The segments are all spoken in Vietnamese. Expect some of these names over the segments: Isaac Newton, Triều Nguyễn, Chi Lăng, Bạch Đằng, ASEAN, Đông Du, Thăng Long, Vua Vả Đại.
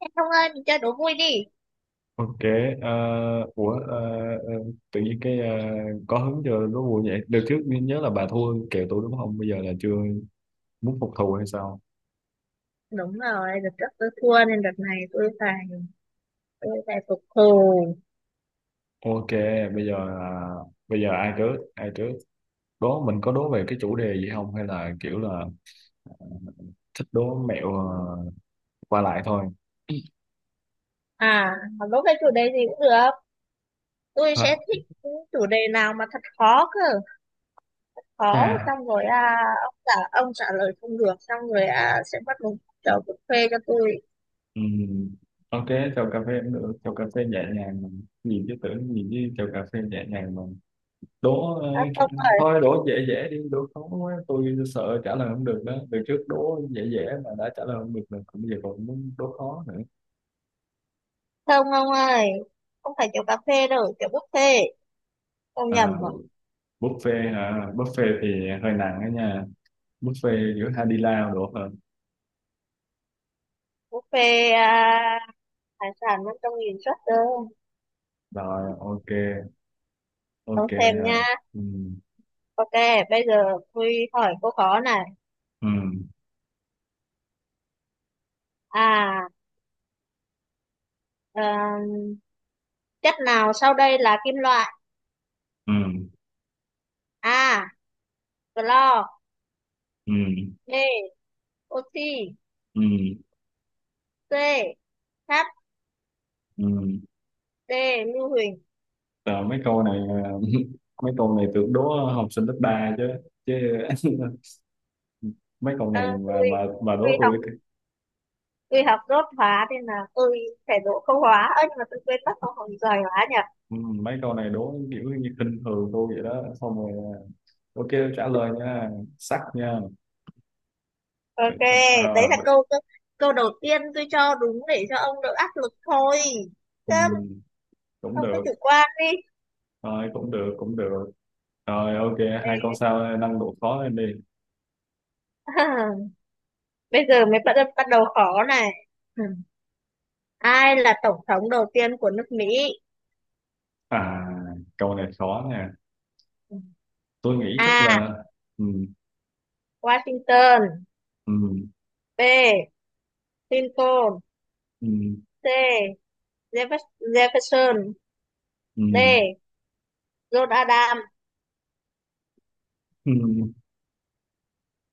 Không, Thông ơi, mình chơi đố vui đi. Ok, à, ủa à, à, tự nhiên có hứng cho đố vui vậy. Đợt trước mình nhớ là bà thua kèo tôi đúng không? Bây giờ là chưa muốn phục thù hay sao? Đúng rồi, đợt trước tôi thua nên đợt này tôi phải phục thù. Ok, bây giờ là bây giờ ai trước? Ai trước? Đố mình có đố về cái chủ đề gì không hay là kiểu là thích đố mẹo à, qua lại thôi. À, mà đố cái chủ đề gì cũng được. Tôi sẽ Ha. thích những chủ đề nào mà thật khó cơ, khó Chà, xong rồi à, ông trả lời không được xong rồi à, sẽ bắt một chầu cà phê cho tôi. ừm, ok, chào cà phê cũng được, chào cà phê nhẹ nhàng nhìn chứ chào cà phê nhẹ nhàng mà đố À, không, thôi đố dễ dễ đi, đố khó quá tôi sợ trả lời không được đó, từ trước đố dễ dễ mà đã trả lời không được rồi còn bây giờ còn muốn đố khó nữa. không ông ơi. Không phải kiểu cà phê đâu, kiểu buffet. Ông À, nhầm rồi. buffet hả? Buffet thì hơi nặng đó nha, buffet giữa hai đi lao được hơn. Buffet à, hải sản 500 nghìn suất đâu. Rồi, ok Ông ok xem nha. à. Ừ, Ok, bây giờ tôi hỏi câu khó này. ừ, À, ờ, chất nào sau đây là kim loại? ừ, A. Clo. ừ, B. Oxy. ừ, C. Sắt. ừ. D. Lưu huỳnh. Rồi, mấy câu này, à, mấy câu này tưởng đố học sinh lớp 3 chứ chứ, mấy câu Ờ, này mà mà mà tôi đố học tôi. tôi học đốt hóa nên là tôi phải đỗ câu hóa. Ơ nhưng mà tôi quên mất câu hỏi, giỏi hóa nhỉ. Ừ, mấy câu này đố kiểu như khinh thường tôi vậy đó, xong rồi à, ok, trả lời nha, sắc nha. Vậy, Ok, đấy à, là vậy, câu câu câu đầu tiên tôi cho đúng để cho ông đỡ áp lực thôi. Chứ ừ, cũng ông cứ được, chủ quan đi. thôi cũng được, rồi ok, Ê, hai câu sau nâng độ khó lên đi. bây giờ mới bắt bắt đầu khó này. Ừ. Ai là tổng thống đầu tiên của nước Mỹ? À, câu này khó nè, tôi nghĩ chắc A. là ừ, Washington. ừ, B. Lincoln. ừ, C. Jeffers- Jefferson. ừ, D. John Adams. ừ.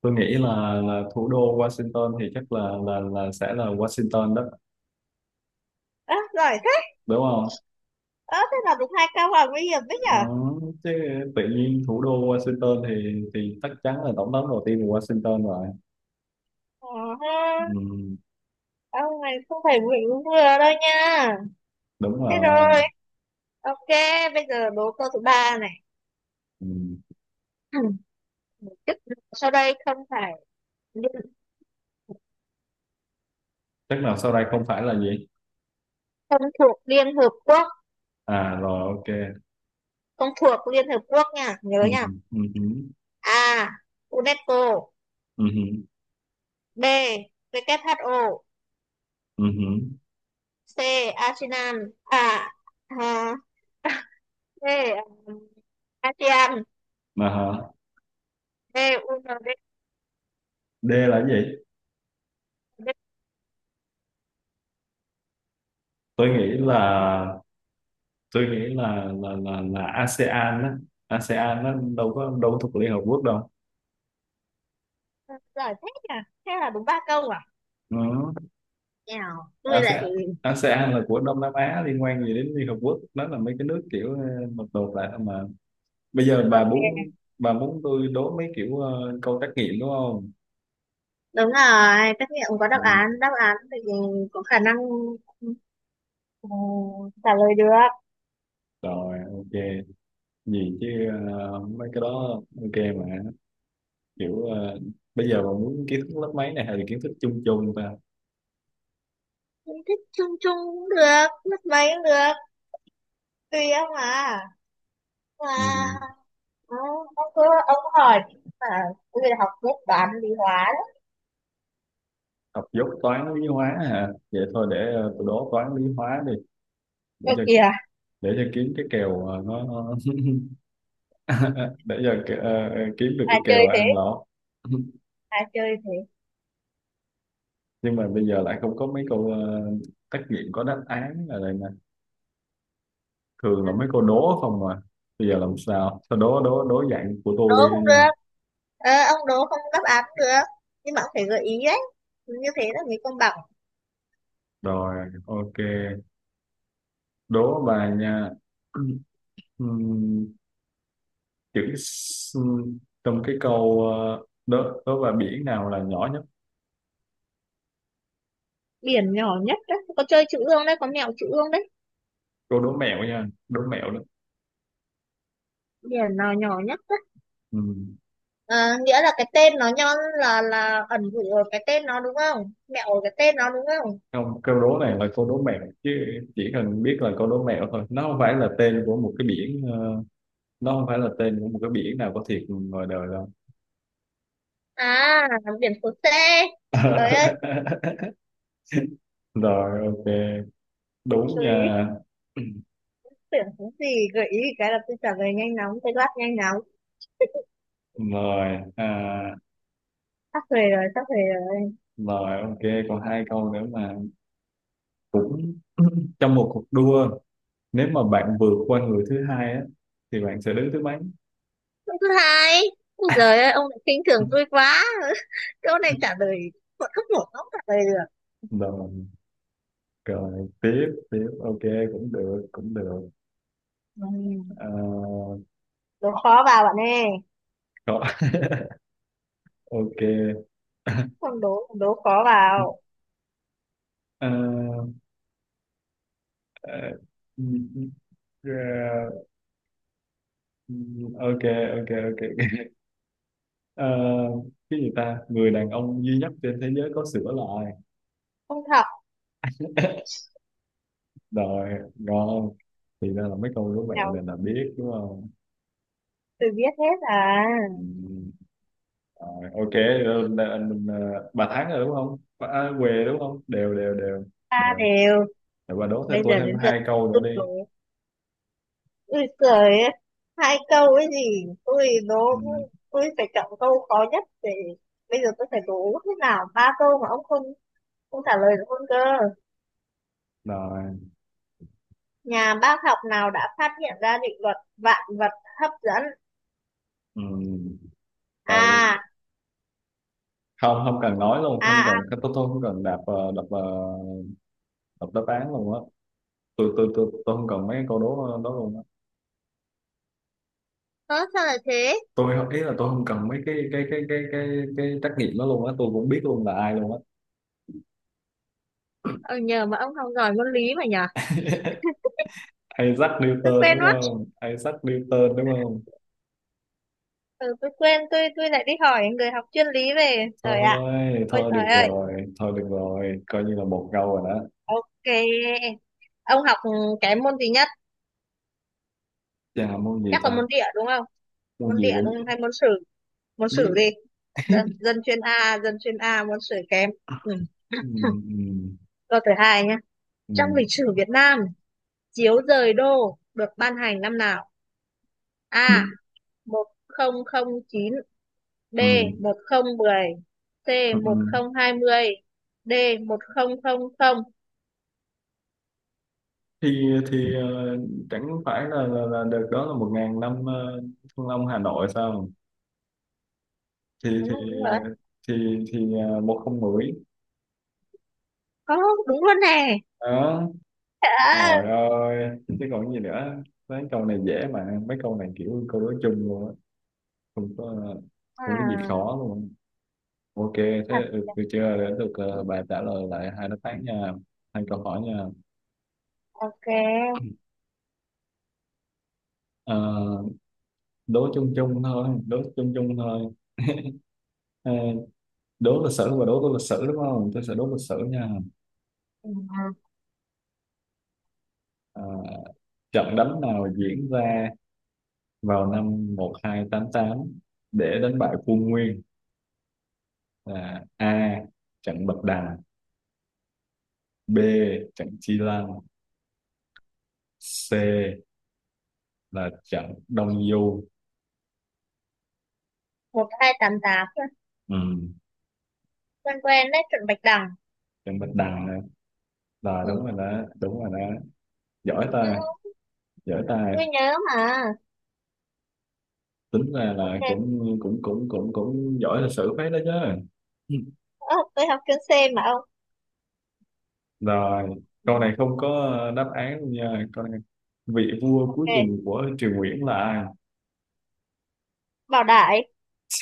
tôi nghĩ là thủ đô Washington thì chắc là sẽ là Washington đó, Ơ, giỏi thế. đúng không? Ơ, thế là đúng hai câu là nguy hiểm đấy Ờ, nhở. chứ tự nhiên thủ đô Washington thì chắc chắn là tổng thống đầu tiên của Washington rồi. Ờ, ha. Ừ, Ông này không phải vừa đúng vừa đâu nha. đúng Thế rồi. rồi ok, bây giờ đố câu thứ ba này. Ừ. Chức vụ sau đây không phải liên, Chắc nào sau đây không phải là gì? không thuộc Liên Hợp Quốc, À rồi ok. không thuộc Liên Hợp Quốc nha, nhớ Ừ, nha. ừ, ừ, A. UNESCO. ừ, B. WHO. ừ, ừ. C. Asian à, à. D. um, ASEAN. Mà hả? D. U N D. D là cái gì? D. Tôi nghĩ là tôi nghĩ là ASEAN á. ASEAN nó đâu có thuộc Liên Hợp Quốc đâu. Giỏi thế nhỉ, thế là đúng ba câu à. Ừ. Nào, tôi lại ASEAN ASEAN là của Đông Nam Á, liên quan gì đến Liên Hợp Quốc? Nó là mấy cái nước kiểu ờ, một đột lại thôi mà. Bây giờ ok. Bà muốn tôi đố mấy kiểu câu trắc nghiệm đúng không? Đúng rồi, tất nhiên có Ừ, đáp án thì có khả năng, ừ, trả lời được. rồi ok, gì chứ, ờ, mấy cái đó ok mà, kiểu ờ, bây giờ bà muốn kiến thức lớp mấy này hay là kiến thức chung chung ta? Cũng thích chung chung cũng được, mất mấy cũng được, tùy ông à mà. Ừ, Ừ, ông cứ ông hỏi mà, tôi học lớp toán lý hóa đó. học dốt toán lý hóa hả, vậy thôi để tôi đố toán lý hóa đi, để Ơ cho kìa, để cho kiếm cái kèo nó để cho kiếm được ai cái chơi kèo thế, ăn lỗ. ai chơi thế. Nhưng mà bây giờ lại không có mấy câu trắc nghiệm có đáp án ở đây nè, thường là À, mấy cô đố không mà, bây giờ làm sao sao đố đố đố dạng của đố tôi đi cũng nha. được, ờ, ông đố không đáp án cũng được, nhưng mà ông phải gợi ý đấy, như thế là mới công bằng. Rồi ok, đố bà nha. Ừm, chữ s- trong cái câu ờ, đố đố bà biển nào là nhỏ nhất. Biển nhỏ nhất đấy có chơi chữ ương đấy, có mẹo chữ ương đấy. Cô đố mẹo nha, đố mẹo đó. Biển nào nhỏ nhất đấy. Ừm, Ờ, nghĩa là cái tên nó nhon, là ẩn dụ ở cái tên nó đúng không, mẹo ở cái tên nó đúng không? không, câu đố này là câu đố mẹo chứ, chỉ cần biết là câu đố mẹo thôi, nó không phải là tên của một cái biển nó không phải là tên của một cái biển nào có thiệt ngoài đời đâu. À, biển số C, trời ơi, Rồi ok, đúng tôi nha. tưởng cái gì gợi ý cái là tôi trả lời nhanh nóng, tôi đáp nhanh nóng. Rồi à, Sắp về rồi, sắp về rồi. rồi ok, còn hai câu nữa mà, cũng trong một cuộc đua, nếu mà bạn vượt qua người thứ hai á thì bạn sẽ đứng thứ mấy? Câu thứ hai. Ôi giời ơi, ông lại khinh thường tôi quá. Câu này trả lời bọn không nổi, không trả lời được. Rồi, rồi tiếp tiếp ok, cũng được, Ừ. à, Đố khó vào bạn ơi. rồi, ok Không đố, đố khó vào. à, à, ok, ok à, cái gì ta, người đàn ông duy nhất trên thế giới có sữa lại? Không học, Rồi, ngon, thì ra là mấy câu đố mẹo nào này là biết đúng không? từ biết hết à. Ừ. Rồi, ok, rồi, là anh ờ, bà thắng rồi đúng không bà, à, què chúng đúng không? Đều đều đều Ta đều. đều. Rồi bà đố thêm Bây tôi giờ thêm đến lượt hai câu nữa tôi đi. đố. Ui giời ơi. Hai câu ấy gì. Tôi đố, Ừ. tôi phải chọn câu khó nhất để bây giờ tôi phải đố thế nào ba câu mà ông không không trả lời được luôn cơ. Rồi. Nhà bác học nào đã phát hiện ra định luật vạn vật hấp dẫn? Ừ. À, Tao- Không, không cần nói luôn, không à, cần, à. tôi không cần đạp đập đập đáp án luôn á, tôi không cần mấy cái câu đố đó luôn á. Ơ, sao lại thế? Tôi không- Ý là tôi không cần mấy cái trắc nghiệm đó luôn á, tôi cũng biết luôn là ai luôn á. Ờ, nhờ mà ông học giỏi môn lý mà nhờ. Isaac Tôi Newton quên đúng mất. không? Isaac Newton đúng không Ừ, tôi quên, tôi lại đi hỏi người học chuyên lý về. Trời ạ. thôi Ôi thôi trời được ơi. rồi, coi như là một câu rồi đó. Cái... Ông học kém môn gì nhất? Chà, môn gì Chắc là ta, môn địa đúng không? môn Môn gì địa cũng đúng không? Hay môn sử? Môn không biết. sử gì? Dân chuyên A, môn sử kém. Ừ. Ừ, ừ, Câu thứ hai nhé. ừ, Trong lịch sử Việt Nam, chiếu rời đô được ban hành năm nào? A. 1009. D. ừ, 1010. C. ừ, ừ. 1020. D. 1000. thì thì ờ, chẳng phải là được đó là 1.000 năm ờ, Thăng Long Hà Nội sao? thì Đúng, thì đúng rồi, thì thì ờ, 1010 có đúng luôn nè. đó. À, Trời ơi chứ còn gì nữa, mấy câu này dễ mà, mấy câu này kiểu câu đối chung luôn á, không có không có gì à, khó luôn. Ok thế, thật ừ, được chưa, để được ờ, bà trả lời lại hai đáp án nha, hai câu hỏi nha. ok Ờ, đố chung chung thôi. Ờ, đố tôi lịch sử đúng không, tôi sẽ đố lịch sử nha. ừ. Ờ, trận đánh nào diễn ra vào năm 1288 để đánh bại quân Nguyên, là A trận Bạch Đằng, B trận Chi Lăng, C là trận Đông Du. 1288, Ừ. quen quen đấy, chuẩn Bạch Đằng. Trận Bạch Đằng. Rồi Ừ. đúng rồi đó, đúng rồi đó. Giỏi ta, giỏi ta. Tôi nhớ mà. Tính ra là Ok. cũng cũng cũng cũng cũng giỏi lịch sử phết đó chứ. Ừ. Ơ, tôi học chuyên C mà ông. Rồi, Ừ. câu này không có đáp án luôn nha. Câu này vị vua cuối cùng Ok. của Triều Nguyễn là ai? Bảo Đại.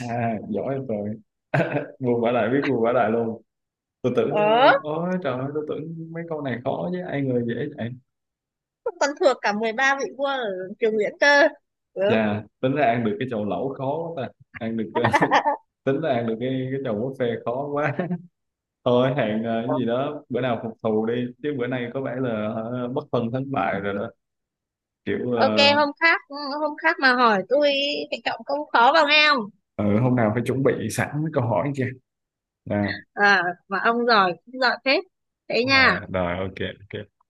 À, giỏi rồi. Vua Vả Đại, biết vua Vả Đại luôn. Tôi tưởng Ờ, Ôi trời ơi, tôi tưởng mấy câu này khó chứ ai ngờ dễ vậy. tôi còn thuộc cả 13 vị vua ở trường Nguyễn cơ. Ừ. Chà, tính ra ăn được cái chầu lẩu khó quá ta. Ăn được tính ra ăn được cái chầu buffet khó quá. Thôi hẹn ờ, cái gì đó bữa nào phục thù đi chứ bữa nay có vẻ là ờ, bất phân thắng bại rồi đó, kiểu Ok ờ, hôm khác, hôm khác mà hỏi tôi phải trọng câu khó vào nghe. ừ, hôm nào phải chuẩn bị sẵn mấy câu hỏi chưa, à, À, mà ông giỏi cũng giỏi phết, thế nha. rồi rồi ok ok